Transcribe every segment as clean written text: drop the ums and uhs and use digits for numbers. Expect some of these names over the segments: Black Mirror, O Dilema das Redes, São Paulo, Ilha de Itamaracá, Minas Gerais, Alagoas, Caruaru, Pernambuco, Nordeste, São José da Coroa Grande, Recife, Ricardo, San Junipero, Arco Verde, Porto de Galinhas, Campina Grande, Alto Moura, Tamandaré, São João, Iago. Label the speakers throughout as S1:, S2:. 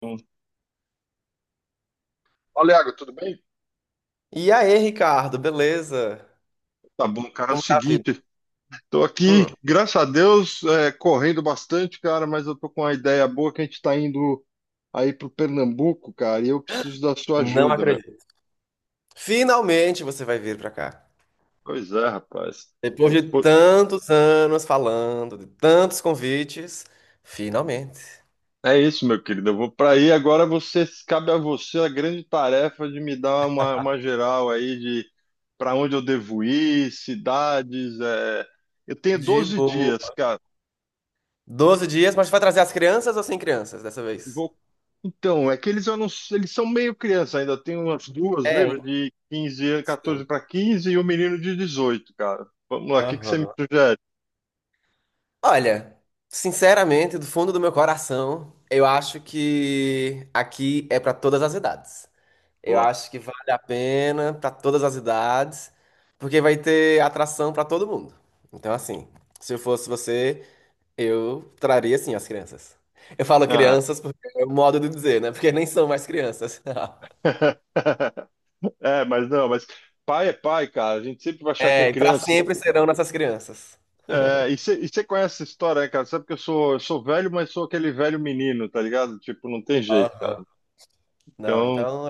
S1: Sim. Fala, Iago, tudo bem?
S2: E aí, Ricardo, beleza?
S1: Tá bom, cara. É o
S2: Como tá a vida?
S1: seguinte, tô aqui,
S2: Hum,
S1: graças a Deus, correndo bastante, cara, mas eu tô com uma ideia boa que a gente tá indo aí pro Pernambuco, cara, e eu preciso da sua
S2: não
S1: ajuda, meu.
S2: acredito. Finalmente você vai vir pra cá.
S1: Pois é, rapaz.
S2: Depois de
S1: Pô,
S2: tantos anos falando, de tantos convites, finalmente.
S1: é isso, meu querido. Eu vou pra aí agora. Você Cabe a você a grande tarefa de me dar uma geral aí de para onde eu devo ir, cidades. Eu tenho
S2: De
S1: 12
S2: boa.
S1: dias, cara.
S2: 12 dias, mas vai trazer as crianças ou sem crianças dessa vez?
S1: Vou. Então, é que eles, eu não- eles são meio criança ainda. Tem umas duas,
S2: É,
S1: lembra?
S2: hein?
S1: De 15 anos,
S2: Sim.
S1: 14 para 15 e o menino de 18, cara. Vamos lá, o que que você me
S2: Aham.
S1: sugere?
S2: Olha, sinceramente, do fundo do meu coração, eu acho que aqui é pra todas as idades. Eu
S1: Boa.
S2: acho que vale a pena para todas as idades, porque vai ter atração para todo mundo. Então, assim, se eu fosse você, eu traria assim as crianças. Eu falo
S1: Ah.
S2: crianças porque é o modo de dizer, né? Porque nem são mais crianças.
S1: É, mas não, mas pai é pai, cara. A gente sempre vai achar que é
S2: É, e para
S1: criança.
S2: sempre serão nossas crianças.
S1: É, e você conhece essa história, né, cara? Sabe que eu sou velho, mas sou aquele velho menino, tá ligado? Tipo, não tem jeito,
S2: Aham.
S1: cara.
S2: Não,
S1: Então.
S2: então.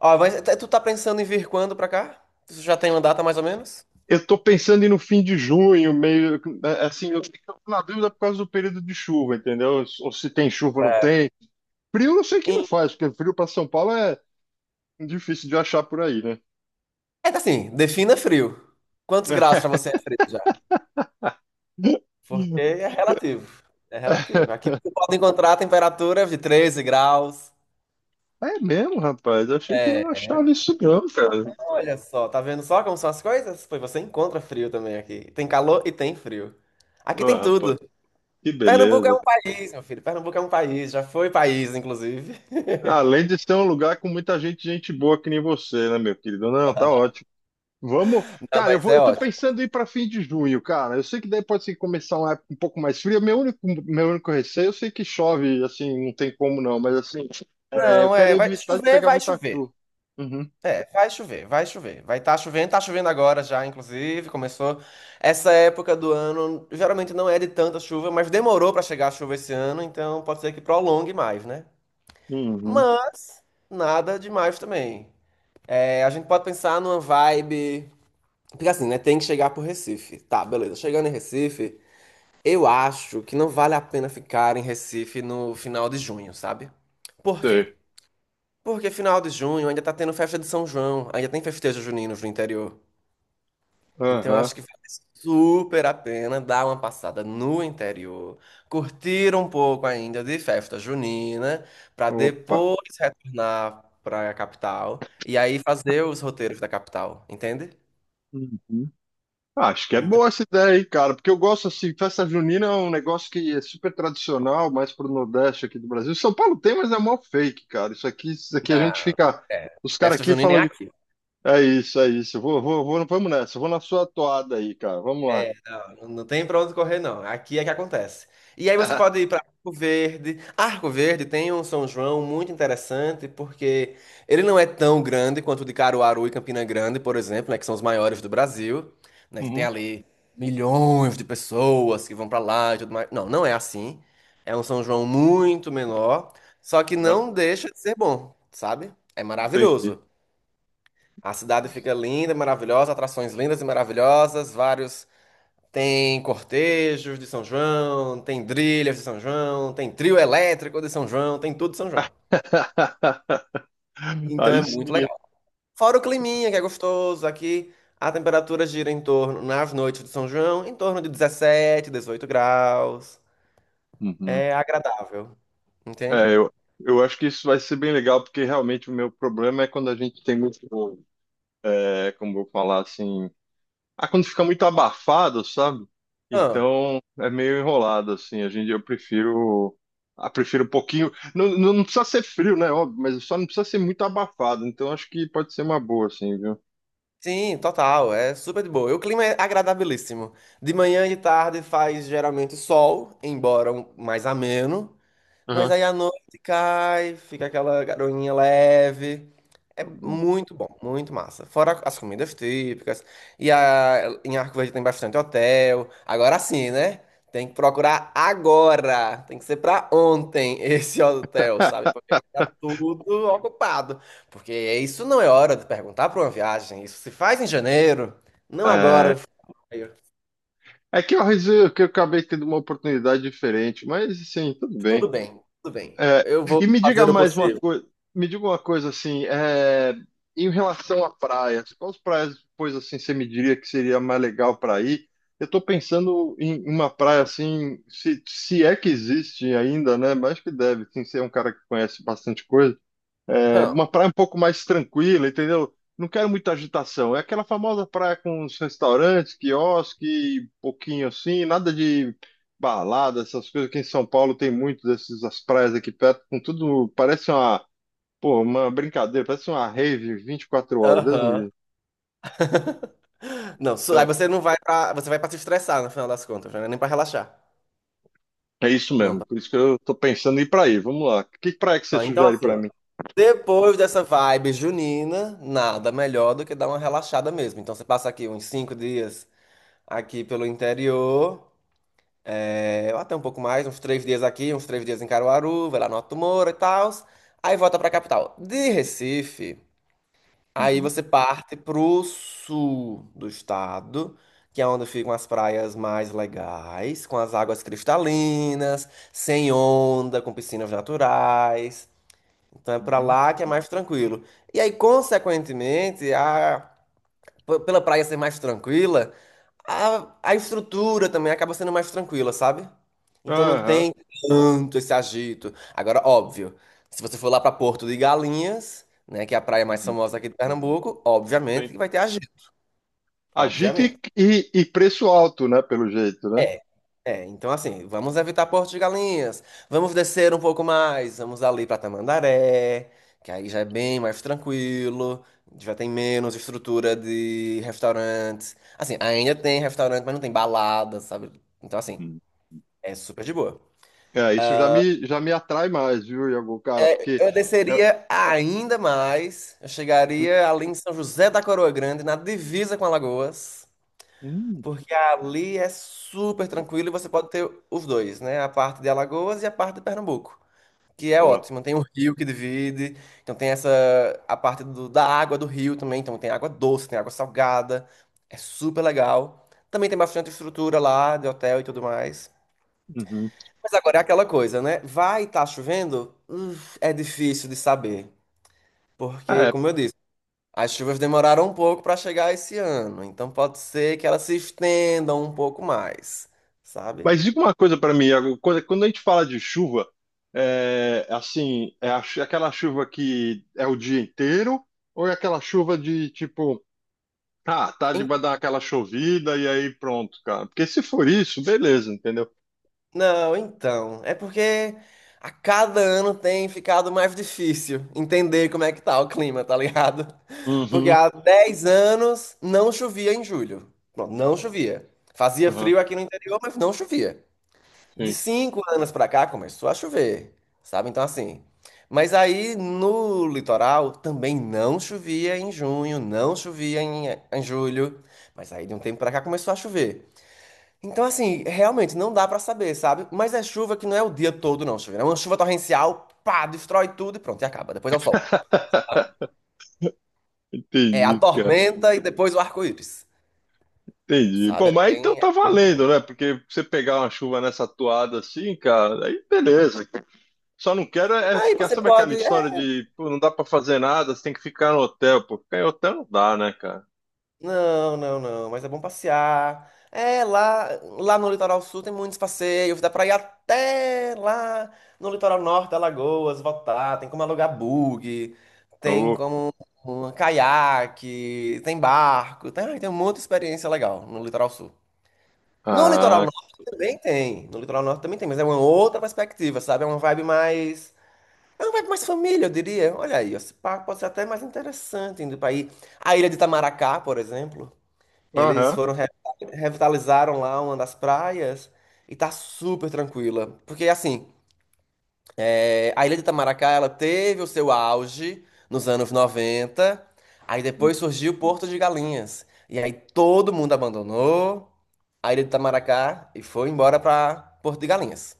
S2: Ó, mas tu tá pensando em vir quando pra cá? Tu já tem uma data mais ou menos?
S1: Eu tô pensando em no fim de junho, meio né, assim, eu fico na dúvida por causa do período de chuva, entendeu? Ou se tem chuva ou não
S2: É.
S1: tem. Frio eu sei que não
S2: Em-
S1: faz, porque frio para São Paulo é difícil de achar por aí, né?
S2: É assim, defina frio. Quantos graus pra você é frio? Porque é relativo. É relativo. Aqui você pode encontrar temperaturas de 13 graus.
S1: É mesmo, rapaz. Eu achei que não
S2: É,
S1: achava isso não, cara.
S2: olha só, tá vendo só como são as coisas? Pois você encontra frio também aqui. Tem calor e tem frio. Aqui
S1: Ó,
S2: tem
S1: rapaz,
S2: tudo.
S1: que
S2: Pernambuco é
S1: beleza.
S2: um país, meu filho. Pernambuco é um país, já foi país, inclusive.
S1: Além de ser um lugar com muita gente, gente boa que nem você, né, meu querido? Não, tá ótimo. Vamos,
S2: Não,
S1: cara,
S2: mas é
S1: eu tô
S2: ótimo.
S1: pensando em ir para fim de junho, cara. Eu sei que daí pode ser que começar uma época um pouco mais fria. Meu único receio, eu sei que chove, assim, não tem como não, mas assim, eu
S2: Não,
S1: quero
S2: é, vai
S1: evitar de
S2: chover,
S1: pegar
S2: vai
S1: muita
S2: chover.
S1: chuva. Uhum,
S2: É, vai chover, vai chover. Vai estar chovendo, tá chovendo agora já, inclusive, começou. Essa época do ano geralmente não é de tanta chuva, mas demorou para chegar a chuva esse ano, então pode ser que prolongue mais, né?
S1: uhum,
S2: Mas nada demais também. É, a gente pode pensar numa vibe, porque assim, né, tem que chegar pro Recife. Tá, beleza. Chegando em Recife, eu acho que não vale a pena ficar em Recife no final de junho, sabe? Por
S1: sei.
S2: quê? Porque final de junho ainda tá tendo festa de São João, ainda tem festejo juninos no interior. Então, eu
S1: Aham,
S2: acho que vale super a pena dar uma passada no interior, curtir um pouco ainda de festa junina, para
S1: opa.
S2: depois retornar para a capital e aí fazer os roteiros da capital, entende?
S1: Uhum. Ah, acho que é
S2: Então,
S1: boa essa ideia, hein, cara, porque eu gosto assim, festa junina é um negócio que é super tradicional, mais pro Nordeste aqui do Brasil. São Paulo tem, mas é mó fake, cara. Isso aqui a gente
S2: na,
S1: fica,
S2: é,
S1: os caras
S2: festa
S1: aqui
S2: junina é
S1: falam de.
S2: aqui.
S1: É isso, é isso. Vamos nessa. Vou na sua toada aí, cara. Vamos lá.
S2: É, não, não tem pra onde correr, não. Aqui é que acontece. E aí você pode ir para Arco Verde. Arco Verde tem um São João muito interessante, porque ele não é tão grande quanto o de Caruaru e Campina Grande, por exemplo, né, que são os maiores do Brasil, né, que tem
S1: Uhum.
S2: ali milhões de pessoas que vão pra lá e tudo mais. Não, não é assim. É um São João muito menor, só que
S1: Ah,
S2: não deixa de ser bom, sabe? É
S1: entendi.
S2: maravilhoso. A cidade fica linda, maravilhosa, atrações lindas e maravilhosas, vários tem cortejos de São João, tem trilhas de São João, tem trio elétrico de São João, tem tudo de São João. Então é
S1: Aí sim,
S2: muito
S1: hein?
S2: legal. Fora o climinha, que é gostoso, aqui a temperatura gira em torno, nas noites de São João, em torno de 17, 18 graus.
S1: Uhum.
S2: É agradável, entende?
S1: É, eu acho que isso vai ser bem legal, porque realmente o meu problema é quando a gente tem muito, como eu vou falar assim, ah, quando fica muito abafado, sabe?
S2: Ah,
S1: Então é meio enrolado, assim. Eu prefiro um pouquinho. Não, não, não precisa ser frio, né? Óbvio, mas só não precisa ser muito abafado. Então acho que pode ser uma boa, assim, viu?
S2: sim, total, é super de boa. E o clima é agradabilíssimo. De manhã e de tarde faz geralmente sol, embora mais ameno. Mas
S1: Aham.
S2: aí a noite cai, fica aquela garoinha leve. É
S1: Tá bom.
S2: muito bom, muito massa. Fora as comidas típicas. E em Arco Verde tem bastante hotel. Agora sim, né? Tem que procurar agora. Tem que ser pra ontem esse hotel, sabe? Porque vai estar tudo ocupado. Porque isso não é hora de perguntar pra uma viagem. Isso se faz em janeiro, não
S1: É,
S2: agora.
S1: é, que eu acabei tendo uma oportunidade diferente, mas assim, tudo
S2: Tudo
S1: bem.
S2: bem, tudo bem.
S1: É,
S2: Eu vou
S1: e me diga
S2: fazer o
S1: mais uma
S2: possível.
S1: coisa, me diga uma coisa assim, em relação a praias, quais praias depois assim você me diria que seria mais legal para ir? Eu estou pensando em uma praia assim, se é que existe ainda, né? Mas acho que deve, sim, ser um cara que conhece bastante coisa. É,
S2: Hã,
S1: uma praia um pouco mais tranquila, entendeu? Não quero muita agitação. É aquela famosa praia com os restaurantes, quiosque, pouquinho assim, nada de balada, essas coisas que em São Paulo tem muito dessas as praias aqui perto, com tudo, parece uma brincadeira, parece uma rave 24 horas, Deus me
S2: aham.
S1: livre.
S2: Não, aí você não vai pra, você vai pra se estressar no final das contas, né? Nem pra relaxar.
S1: É isso
S2: Não,
S1: mesmo, por isso que eu tô pensando em ir pra aí. Vamos lá. Que praia que você
S2: ó, então,
S1: sugere
S2: assim,
S1: pra
S2: ó.
S1: mim?
S2: Depois dessa vibe junina, nada melhor do que dar uma relaxada mesmo. Então, você passa aqui uns 5 dias aqui pelo interior, é, ou até um pouco mais, uns 3 dias aqui, uns 3 dias em Caruaru, vai lá no Alto Moura e tal. Aí volta pra capital. De Recife. Aí
S1: Uhum,
S2: você parte pro sul do estado, que é onde ficam as praias mais legais, com as águas cristalinas, sem onda, com piscinas naturais. Então é pra
S1: uhum.
S2: lá que é mais tranquilo. E aí, consequentemente, pela praia ser mais tranquila, a estrutura também acaba sendo mais tranquila, sabe? Então não
S1: Aham.
S2: tem tanto esse agito. Agora, óbvio, se você for lá pra Porto de Galinhas, né, que é a praia mais
S1: Uhum.
S2: famosa aqui de Pernambuco,
S1: Tem.
S2: obviamente que vai ter agito,
S1: Agito e,
S2: obviamente.
S1: e e preço alto, né? Pelo jeito, né?
S2: É, é. Então assim, vamos evitar Porto de Galinhas, vamos descer um pouco mais, vamos ali pra Tamandaré, que aí já é bem mais tranquilo, já tem menos estrutura de restaurantes. Assim, ainda tem restaurante, mas não tem balada, sabe? Então assim
S1: Uhum.
S2: é super de boa.
S1: É, isso já me atrai mais, viu, Iago, cara? Porque.
S2: Eu
S1: é-
S2: desceria ainda mais. Eu
S1: Uhum.
S2: chegaria ali em São José da Coroa Grande, na divisa com Alagoas,
S1: Hum,
S2: porque ali é super tranquilo e você pode ter os dois, né? A parte de Alagoas e a parte de Pernambuco, que é
S1: boa.
S2: ótimo. Tem um rio que divide, então tem essa a parte da água do rio também, então tem água doce, tem água salgada. É super legal. Também tem bastante estrutura lá de hotel e tudo mais.
S1: Uhum.
S2: Mas agora é aquela coisa, né? Vai estar chovendo? É difícil de saber. Porque,
S1: É,
S2: como eu disse, as chuvas demoraram um pouco para chegar esse ano, então pode ser que elas se estendam um pouco mais, sabe?
S1: mas diga uma coisa para mim, Iago. Quando a gente fala de chuva, é assim, aquela chuva que é o dia inteiro, ou é aquela chuva de tipo, ah, tarde
S2: En-
S1: vai dar aquela chovida e aí pronto, cara. Porque se for isso, beleza, entendeu?
S2: Não, então, é porque a cada ano tem ficado mais difícil entender como é que tá o clima, tá ligado? Porque
S1: Uhum,
S2: há 10 anos não chovia em julho. Pronto, não chovia. Fazia
S1: uhum,
S2: frio aqui no interior, mas não chovia. De
S1: sim.
S2: 5 anos pra cá começou a chover, sabe? Então, assim. Mas aí no litoral também não chovia em junho, não chovia em julho. Mas aí de um tempo pra cá começou a chover. Então, assim, realmente não dá pra saber, sabe? Mas é chuva que não é o dia todo, não, chuva. É uma chuva torrencial, pá, destrói tudo e pronto, e acaba. Depois é o sol. É a
S1: Entendi, cara.
S2: tormenta e depois o arco-íris,
S1: Entendi. Bom,
S2: sabe? É
S1: mas então
S2: bem, é
S1: tá
S2: bem de boa.
S1: valendo, né? Porque você pegar uma chuva nessa toada assim, cara, aí beleza. Só não quero é
S2: Aí
S1: ficar,
S2: você
S1: sabe aquela
S2: pode.
S1: história de, pô, não dá pra fazer nada, você tem que ficar no hotel, pô. Ficar em hotel não dá, né, cara?
S2: Não, não, não, mas é bom passear. É, lá no litoral sul tem muitos passeios, dá pra ir até lá no litoral norte, Alagoas, voltar, tem como alugar bug, tem
S1: Ô,
S2: como um caiaque, tem barco, tem muita experiência legal no litoral sul. No litoral
S1: ah,
S2: norte também tem, no litoral norte também tem, mas é uma outra perspectiva, sabe? É uma vibe mais família, eu diria. Olha aí, esse parque pode ser até mais interessante indo pra ir. A Ilha de Itamaracá, por exemplo. Eles
S1: aham.
S2: foram revitalizaram lá uma das praias e tá super tranquila. Porque assim, é, a Ilha de Itamaracá, ela teve o seu auge nos anos 90 aí depois surgiu o Porto de Galinhas. E aí todo mundo abandonou a Ilha de Itamaracá e foi embora pra Porto de Galinhas.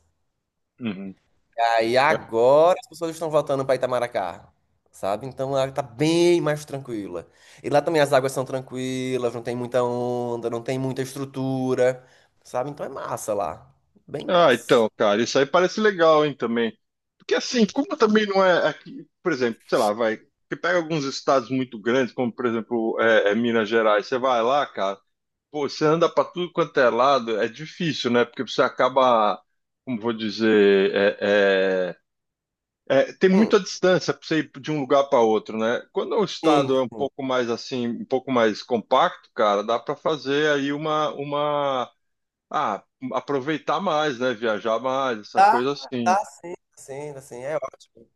S1: Uhum.
S2: Aí
S1: É.
S2: agora as pessoas estão voltando para Itamaracá, sabe? Então ela tá bem mais tranquila. E lá também as águas são tranquilas, não tem muita onda, não tem muita estrutura, sabe? Então é massa lá. Bem
S1: Ah,
S2: massa.
S1: então, cara, isso aí parece legal, hein, também. Porque assim, como também não é aqui, por exemplo, sei lá, vai, você pega alguns estados muito grandes, como por exemplo, Minas Gerais, você vai lá, cara. Pô, você anda para tudo quanto é lado, é difícil, né? Porque você acaba, como vou dizer, é, tem
S2: Hum,
S1: muita distância para você ir de um lugar para outro, né? Quando o
S2: sim.
S1: estado é um pouco mais assim, um pouco mais compacto, cara, dá para fazer aí ah, aproveitar mais, né? Viajar mais, essa
S2: Tá,
S1: coisa assim.
S2: tá, sim, sim, assim, é ótimo.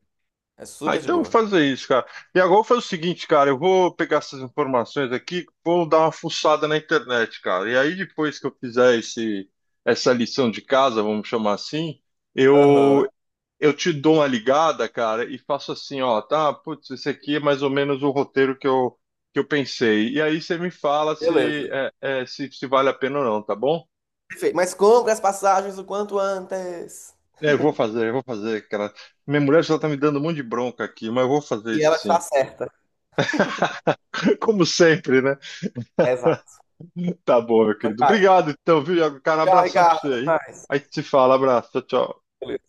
S2: É
S1: Ah,
S2: super de
S1: então eu vou
S2: boa.
S1: fazer isso, cara. E agora eu vou fazer o seguinte, cara, eu vou pegar essas informações aqui, vou dar uma fuçada na internet, cara. E aí depois que eu fizer esse, essa lição de casa, vamos chamar assim,
S2: Aham,
S1: eu eu te dou uma ligada, cara, e faço assim, ó, tá, putz, esse aqui é mais ou menos o roteiro que eu pensei. E aí você me fala
S2: beleza.
S1: se é, é, se vale a pena ou não, tá bom?
S2: Perfeito. Mas compre as passagens o quanto antes.
S1: É, eu vou fazer, cara. Minha mulher já tá me dando um monte de bronca aqui, mas eu vou fazer
S2: E
S1: isso
S2: ela
S1: sim.
S2: está certa.
S1: Como sempre, né?
S2: Exato.
S1: Tá bom, meu querido.
S2: Vai.
S1: Obrigado, então, viu, Iago? Cara, um
S2: Tchau,
S1: abração pra
S2: Ricardo.
S1: você
S2: Até
S1: aí.
S2: mais.
S1: Aí te fala, abraço, tchau, tchau.
S2: Beleza.